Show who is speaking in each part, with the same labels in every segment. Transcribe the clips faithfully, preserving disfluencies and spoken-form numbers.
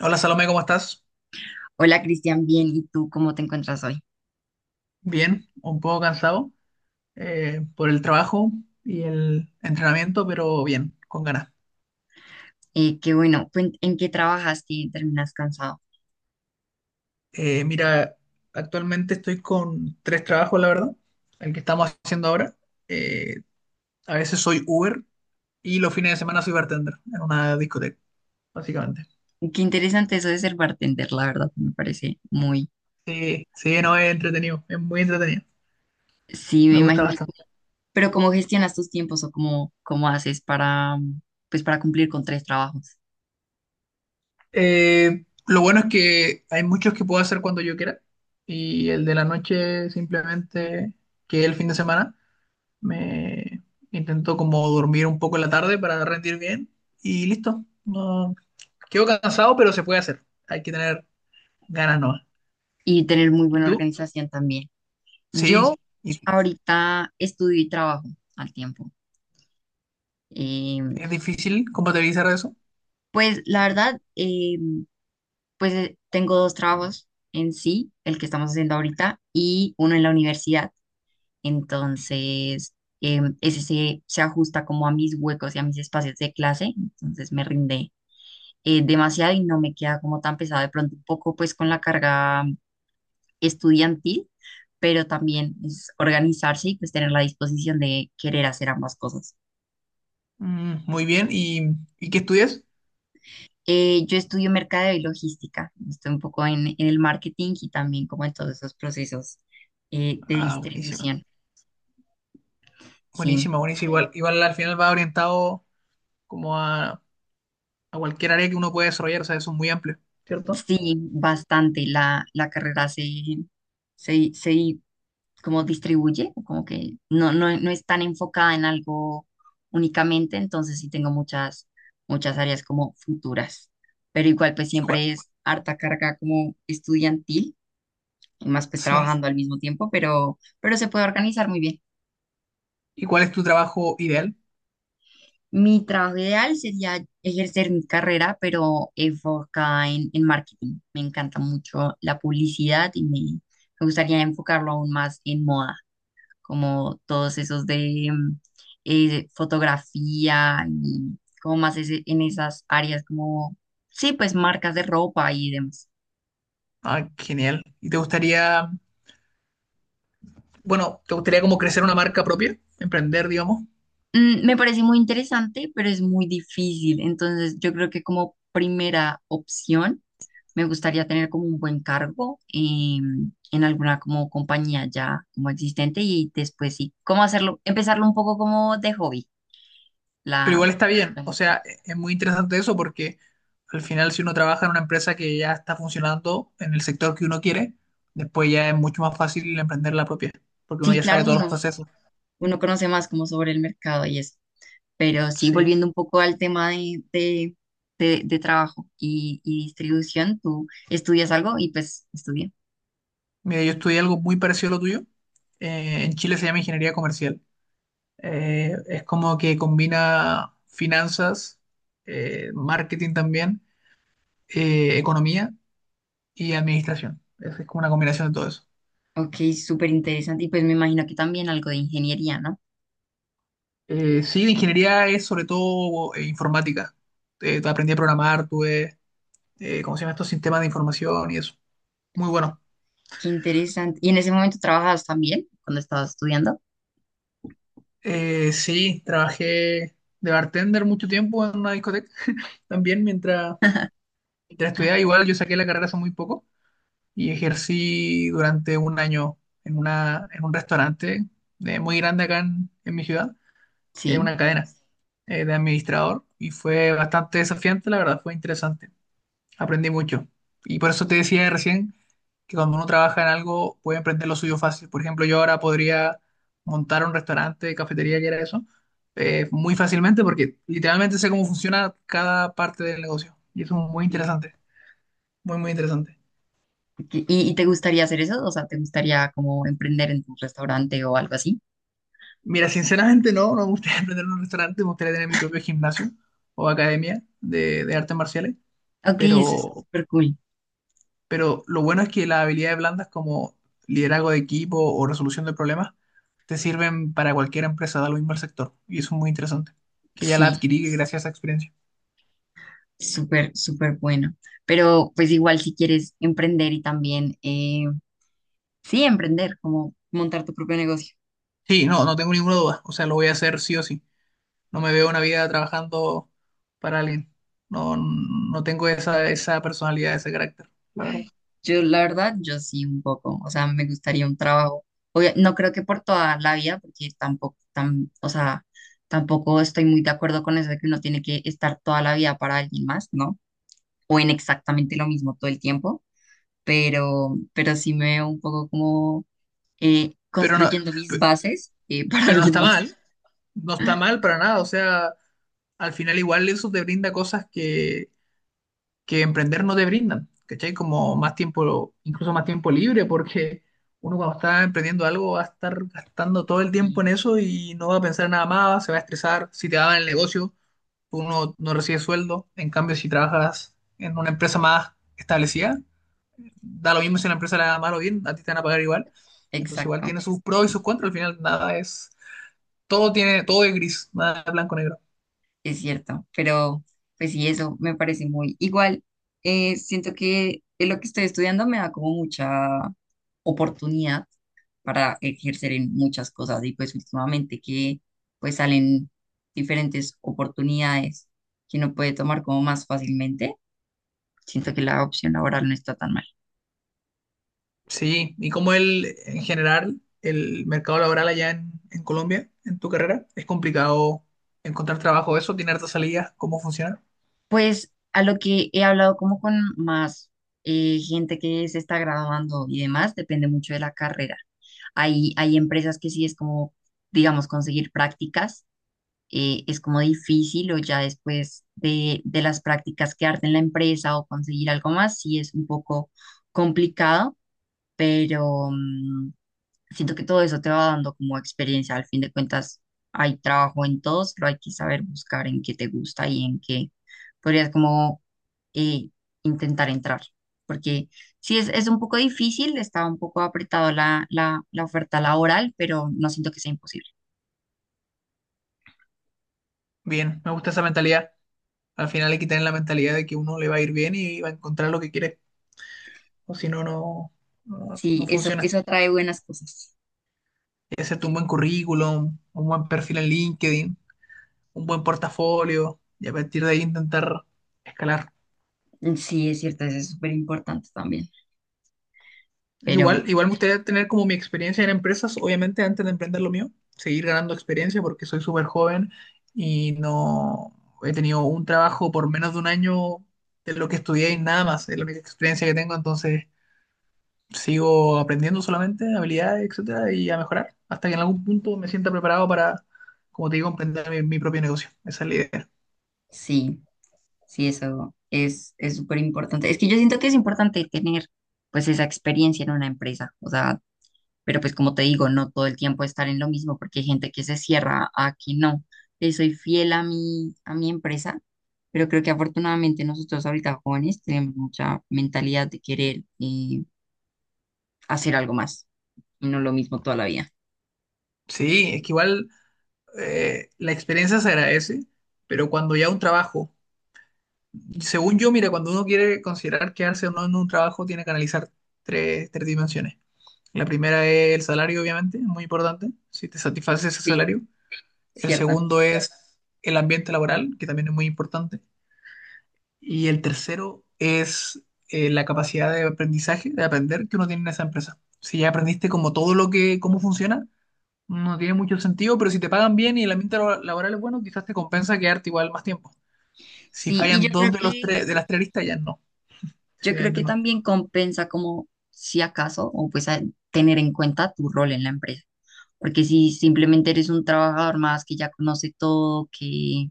Speaker 1: Hola Salomé, ¿cómo estás?
Speaker 2: Hola Cristian, bien, ¿y tú cómo te encuentras hoy?
Speaker 1: Bien, un poco cansado eh, por el trabajo y el entrenamiento, pero bien, con ganas.
Speaker 2: Eh, qué bueno, cuen- ¿En qué trabajas y terminas cansado?
Speaker 1: Eh, mira, actualmente estoy con tres trabajos, la verdad, el que estamos haciendo ahora. Eh, a veces soy Uber y los fines de semana soy bartender en una discoteca, básicamente.
Speaker 2: Qué interesante eso de ser bartender, la verdad, me parece muy,
Speaker 1: Sí, sí, no es entretenido, es muy entretenido,
Speaker 2: sí,
Speaker 1: me
Speaker 2: me
Speaker 1: gusta
Speaker 2: imagino.
Speaker 1: bastante.
Speaker 2: Pero ¿cómo gestionas tus tiempos o cómo, cómo haces para, mm, pues, para cumplir con tres trabajos
Speaker 1: Eh, lo bueno es que hay muchos que puedo hacer cuando yo quiera y el de la noche simplemente que es el fin de semana me intento como dormir un poco en la tarde para rendir bien y listo. No, quedo cansado, pero se puede hacer. Hay que tener ganas, ¿no?
Speaker 2: y tener muy
Speaker 1: ¿Y
Speaker 2: buena
Speaker 1: tú?
Speaker 2: organización también? Yo
Speaker 1: Sí. ¿Y
Speaker 2: ahorita estudio y trabajo al tiempo.
Speaker 1: es
Speaker 2: Em,
Speaker 1: difícil compatibilizar eso?
Speaker 2: pues la verdad, eh, Pues eh, tengo dos trabajos en sí, el que estamos haciendo ahorita y uno en la universidad. Entonces, em, ese se, se ajusta como a mis huecos y a mis espacios de clase. Entonces me rinde eh, demasiado y no me queda como tan pesado de pronto un poco pues con la carga estudiantil, pero también es organizarse y pues tener la disposición de querer hacer ambas cosas.
Speaker 1: Mm, muy bien. ¿Y, y qué estudias?
Speaker 2: Eh, yo estudio mercadeo y logística, estoy un poco en, en el marketing y también como en todos esos procesos eh, de
Speaker 1: Ah, buenísima.
Speaker 2: distribución. Sí,
Speaker 1: Buenísima, buenísima. Igual, igual al final va orientado como a a cualquier área que uno pueda desarrollar, o sea, eso es muy amplio, ¿cierto?
Speaker 2: sí, bastante. La, la carrera se, se, se como distribuye, como que no, no, no es tan enfocada en algo únicamente, entonces sí tengo muchas, muchas áreas como futuras, pero igual pues
Speaker 1: ¿Y cuál-
Speaker 2: siempre es harta carga como estudiantil, y más pues
Speaker 1: sí.
Speaker 2: trabajando al mismo tiempo, pero, pero se puede organizar muy bien.
Speaker 1: ¿Y cuál es tu trabajo ideal?
Speaker 2: Mi trabajo ideal sería ejercer mi carrera, pero enfocada en, en marketing. Me encanta mucho la publicidad y me, me gustaría enfocarlo aún más en moda, como todos esos de mm, eh, fotografía y como más ese- en esas áreas como, sí, pues marcas de ropa y demás.
Speaker 1: Ah, genial. ¿Y te gustaría, bueno, te gustaría como crecer una marca propia, emprender, digamos?
Speaker 2: Mm, me parece muy interesante, pero es muy difícil. Entonces, yo creo que como primera opción me gustaría tener como un buen cargo em, en alguna como compañía ya como existente y después sí, cómo hacerlo, empezarlo un poco como de hobby,
Speaker 1: Pero
Speaker 2: la,
Speaker 1: igual está bien,
Speaker 2: la
Speaker 1: o
Speaker 2: marca.
Speaker 1: sea, e- es muy interesante eso porque al final si uno trabaja en una empresa que ya está funcionando en el sector que uno quiere, después ya es mucho más fácil emprender la propia, porque uno
Speaker 2: Sí,
Speaker 1: ya sabe
Speaker 2: claro,
Speaker 1: todos los
Speaker 2: uno,
Speaker 1: procesos.
Speaker 2: uno conoce más como sobre el mercado y eso, pero sí,
Speaker 1: Sí.
Speaker 2: volviendo un poco al tema de, de, de, de trabajo y, y distribución, tú estudias algo y pues estudia.
Speaker 1: Mira, yo estudié algo muy parecido a lo tuyo. Eh, en Chile se llama ingeniería comercial. Eh, es como que combina finanzas, eh, marketing también, eh, economía y administración. Es, es como una combinación de todo eso.
Speaker 2: Ok, súper interesante y pues me imagino que también algo de ingeniería, ¿no?
Speaker 1: Eh, sí, la ingeniería es sobre todo eh, informática. Eh, aprendí a programar, tuve, eh, ¿cómo se llama estos sistemas de información y eso? Muy bueno.
Speaker 2: Qué interesante. ¿Y en ese momento trabajabas también cuando estabas estudiando?
Speaker 1: Eh, sí, trabajé de bartender mucho tiempo en una discoteca. También mientras, mientras estudiaba, igual yo saqué la carrera hace muy poco y ejercí durante un año en, una, en un restaurante de- muy grande acá en, en mi ciudad, eh,
Speaker 2: Sí.
Speaker 1: una cadena eh, de administrador y fue bastante desafiante, la verdad, fue interesante, aprendí mucho. Y por eso te decía recién que cuando uno trabaja en algo puede emprender lo suyo fácil. Por ejemplo, yo ahora podría montar un restaurante, cafetería, que era eso, eh, muy fácilmente porque literalmente sé cómo funciona cada parte del negocio y eso es muy interesante, muy, muy interesante.
Speaker 2: ¿Y, y te gustaría hacer eso? O sea, ¿te gustaría como emprender en tu restaurante o algo así?
Speaker 1: Mira, sinceramente no, no me gustaría emprender un restaurante, me gustaría tener mi propio gimnasio o academia de, de artes marciales,
Speaker 2: Ok, eso es
Speaker 1: pero,
Speaker 2: súper cool.
Speaker 1: pero lo bueno es que las habilidades blandas como liderazgo de equipo o resolución de problemas te sirven para cualquier empresa, da lo mismo el sector, y eso es muy interesante, que ya la
Speaker 2: Sí,
Speaker 1: adquirí gracias a esa experiencia.
Speaker 2: súper, súper bueno. Pero pues igual si quieres emprender y también, eh, sí, emprender, como montar tu propio negocio.
Speaker 1: Sí, no, no tengo ninguna duda, o sea, lo voy a hacer sí o sí, no me veo una vida trabajando para alguien, no, no tengo esa, esa personalidad, ese carácter, la verdad.
Speaker 2: Ay, yo, la verdad, yo sí un poco. O sea, me gustaría un trabajo. Obvia- no creo que por toda la vida, porque tampoco, tam- o sea, tampoco estoy muy de acuerdo con eso de que uno tiene que estar toda la vida para alguien más, ¿no? O en exactamente lo mismo todo el tiempo, pero, pero sí me veo un poco como eh,
Speaker 1: Pero no,
Speaker 2: construyendo mis
Speaker 1: pe-
Speaker 2: bases eh, para
Speaker 1: pero no
Speaker 2: alguien
Speaker 1: está
Speaker 2: más.
Speaker 1: mal, no está mal para nada, o sea, al final igual eso te brinda cosas que, que emprender no te brindan, ¿cachai? Como más tiempo, incluso más tiempo libre, porque uno cuando está emprendiendo algo va a estar gastando todo el tiempo
Speaker 2: Sí,
Speaker 1: en eso y no va a pensar nada más, se va a estresar, si te daban el negocio, uno no recibe sueldo, en cambio si trabajas en una empresa más establecida, da lo mismo si la empresa la da mal o bien, a ti te van a pagar igual, entonces igual
Speaker 2: exacto,
Speaker 1: tiene sus pros y sus contras, al final nada es, todo tiene, todo es gris, nada es blanco o negro.
Speaker 2: es cierto, pero pues sí, eso me parece muy igual. Eh, siento que eh, lo que estoy estudiando me da como mucha oportunidad para ejercer en muchas cosas y pues últimamente que pues salen diferentes oportunidades que uno puede tomar como más fácilmente, siento que la opción laboral no está tan mal.
Speaker 1: Sí, ¿y como el, en general, el mercado laboral allá en, en Colombia, en tu carrera? ¿Es complicado encontrar trabajo eso? ¿Tiene hartas salidas? ¿Cómo funciona?
Speaker 2: Pues a lo que he hablado como con más eh, gente que se está graduando y demás, depende mucho de la carrera. Hay, hay empresas que sí es como, digamos, conseguir prácticas, eh, es como difícil o ya después de, de las prácticas quedarte en la empresa o conseguir algo más, sí es un poco complicado, pero mm, siento que todo eso te va dando como experiencia. Al fin de cuentas, hay trabajo en todos, pero hay que saber buscar en qué te gusta y en qué podrías como eh, intentar entrar, porque sí es, es un poco difícil, está un poco apretado la, la, la oferta laboral, pero no siento que sea imposible.
Speaker 1: Bien, me gusta esa mentalidad. Al final hay que tener la mentalidad de que uno le va a ir bien y va a encontrar lo que quiere. O si no, no, no,
Speaker 2: Sí,
Speaker 1: no
Speaker 2: eso,
Speaker 1: funciona. Hay
Speaker 2: eso atrae buenas cosas.
Speaker 1: que hacerte un buen currículum, un buen perfil en LinkedIn, un buen portafolio y a partir de ahí intentar escalar.
Speaker 2: Sí, es cierto, eso es súper importante también,
Speaker 1: Yo
Speaker 2: pero
Speaker 1: igual, igual me gustaría tener como mi experiencia en empresas, obviamente antes de emprender lo mío, seguir ganando experiencia porque soy súper joven y no he tenido un trabajo por menos de un año de lo que estudié y nada más, es la única experiencia que tengo, entonces sigo
Speaker 2: sí,
Speaker 1: aprendiendo solamente habilidades, etcétera, y a mejorar hasta que en algún punto me sienta preparado para, como te digo, emprender mi, mi propio negocio. Esa es la idea.
Speaker 2: sí, sí, eso es, es súper importante. Es que yo siento que es importante tener pues esa experiencia en una empresa, o sea, pero pues como te digo, no todo el tiempo estar en lo mismo porque hay gente que se cierra a que no. Le soy fiel a mi, a mi empresa, pero creo que afortunadamente nosotros ahorita jóvenes tenemos mucha mentalidad de querer eh, hacer algo más y no lo mismo toda la vida.
Speaker 1: Sí, es que igual eh, la experiencia se agradece, pero cuando ya un trabajo según yo, mira, cuando uno quiere considerar quedarse o no en un trabajo, tiene que analizar tres, tres dimensiones. La primera es el salario, obviamente, muy importante, si te satisface ese
Speaker 2: Sí,
Speaker 1: salario. El
Speaker 2: cierta.
Speaker 1: segundo es el ambiente laboral, que también es muy importante. Y el tercero es eh, la capacidad de aprendizaje, de aprender que uno tiene en esa empresa. Si ya aprendiste como todo lo que, cómo funciona, no tiene mucho sentido, pero si te pagan bien y el ambiente labo- laboral es bueno, quizás te compensa quedarte igual más tiempo. Si
Speaker 2: Sí, y yo
Speaker 1: fallan dos
Speaker 2: creo
Speaker 1: de los
Speaker 2: que,
Speaker 1: tres, de las tres listas, ya no.
Speaker 2: yo creo que también compensa como si acaso, o pues a- tener en cuenta tu rol en la empresa. Porque si simplemente eres un trabajador más que ya conoce todo, que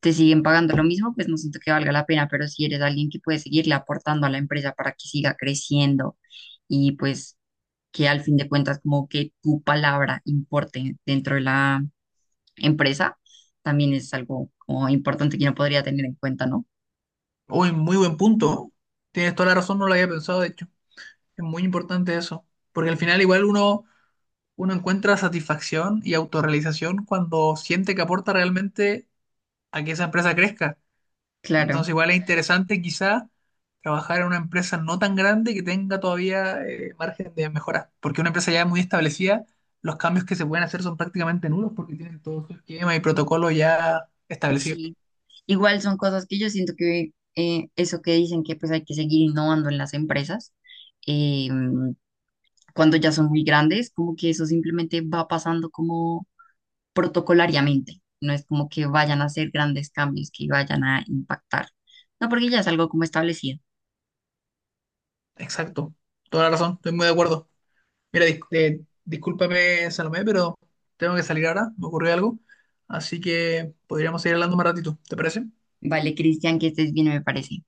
Speaker 2: te siguen pagando lo mismo, pues no siento que valga la pena, pero si eres alguien que puede seguirle aportando a la empresa para que siga creciendo y pues que al fin de cuentas como que tu palabra importe dentro de la empresa, también es algo como importante que no podría tener en cuenta, ¿no?
Speaker 1: Uy, muy buen punto. Tienes toda la razón, no lo había pensado, de hecho. Es muy importante eso. Porque al final igual uno, uno encuentra satisfacción y autorrealización cuando siente que aporta realmente a que esa empresa crezca.
Speaker 2: Claro,
Speaker 1: Entonces igual es interesante quizá trabajar en una empresa no tan grande que tenga todavía eh, margen de mejora. Porque una empresa ya muy establecida, los cambios que se pueden hacer son prácticamente nulos porque tienen todo su esquema y protocolo ya establecido.
Speaker 2: sí. Igual son cosas que yo siento que eh, eso que dicen que pues hay que seguir innovando en las empresas, eh, cuando ya son muy grandes, como que eso simplemente va pasando como protocolariamente. No es como que vayan a hacer grandes cambios que vayan a impactar. No, porque ya es algo como establecido.
Speaker 1: Exacto. Toda la razón, estoy muy de acuerdo. Mira, dis- eh, discúlpame, Salomé, pero tengo que salir ahora, me ocurrió algo, así que podríamos seguir hablando más ratito, ¿te parece?
Speaker 2: Vale, Cristian, que estés bien, me parece.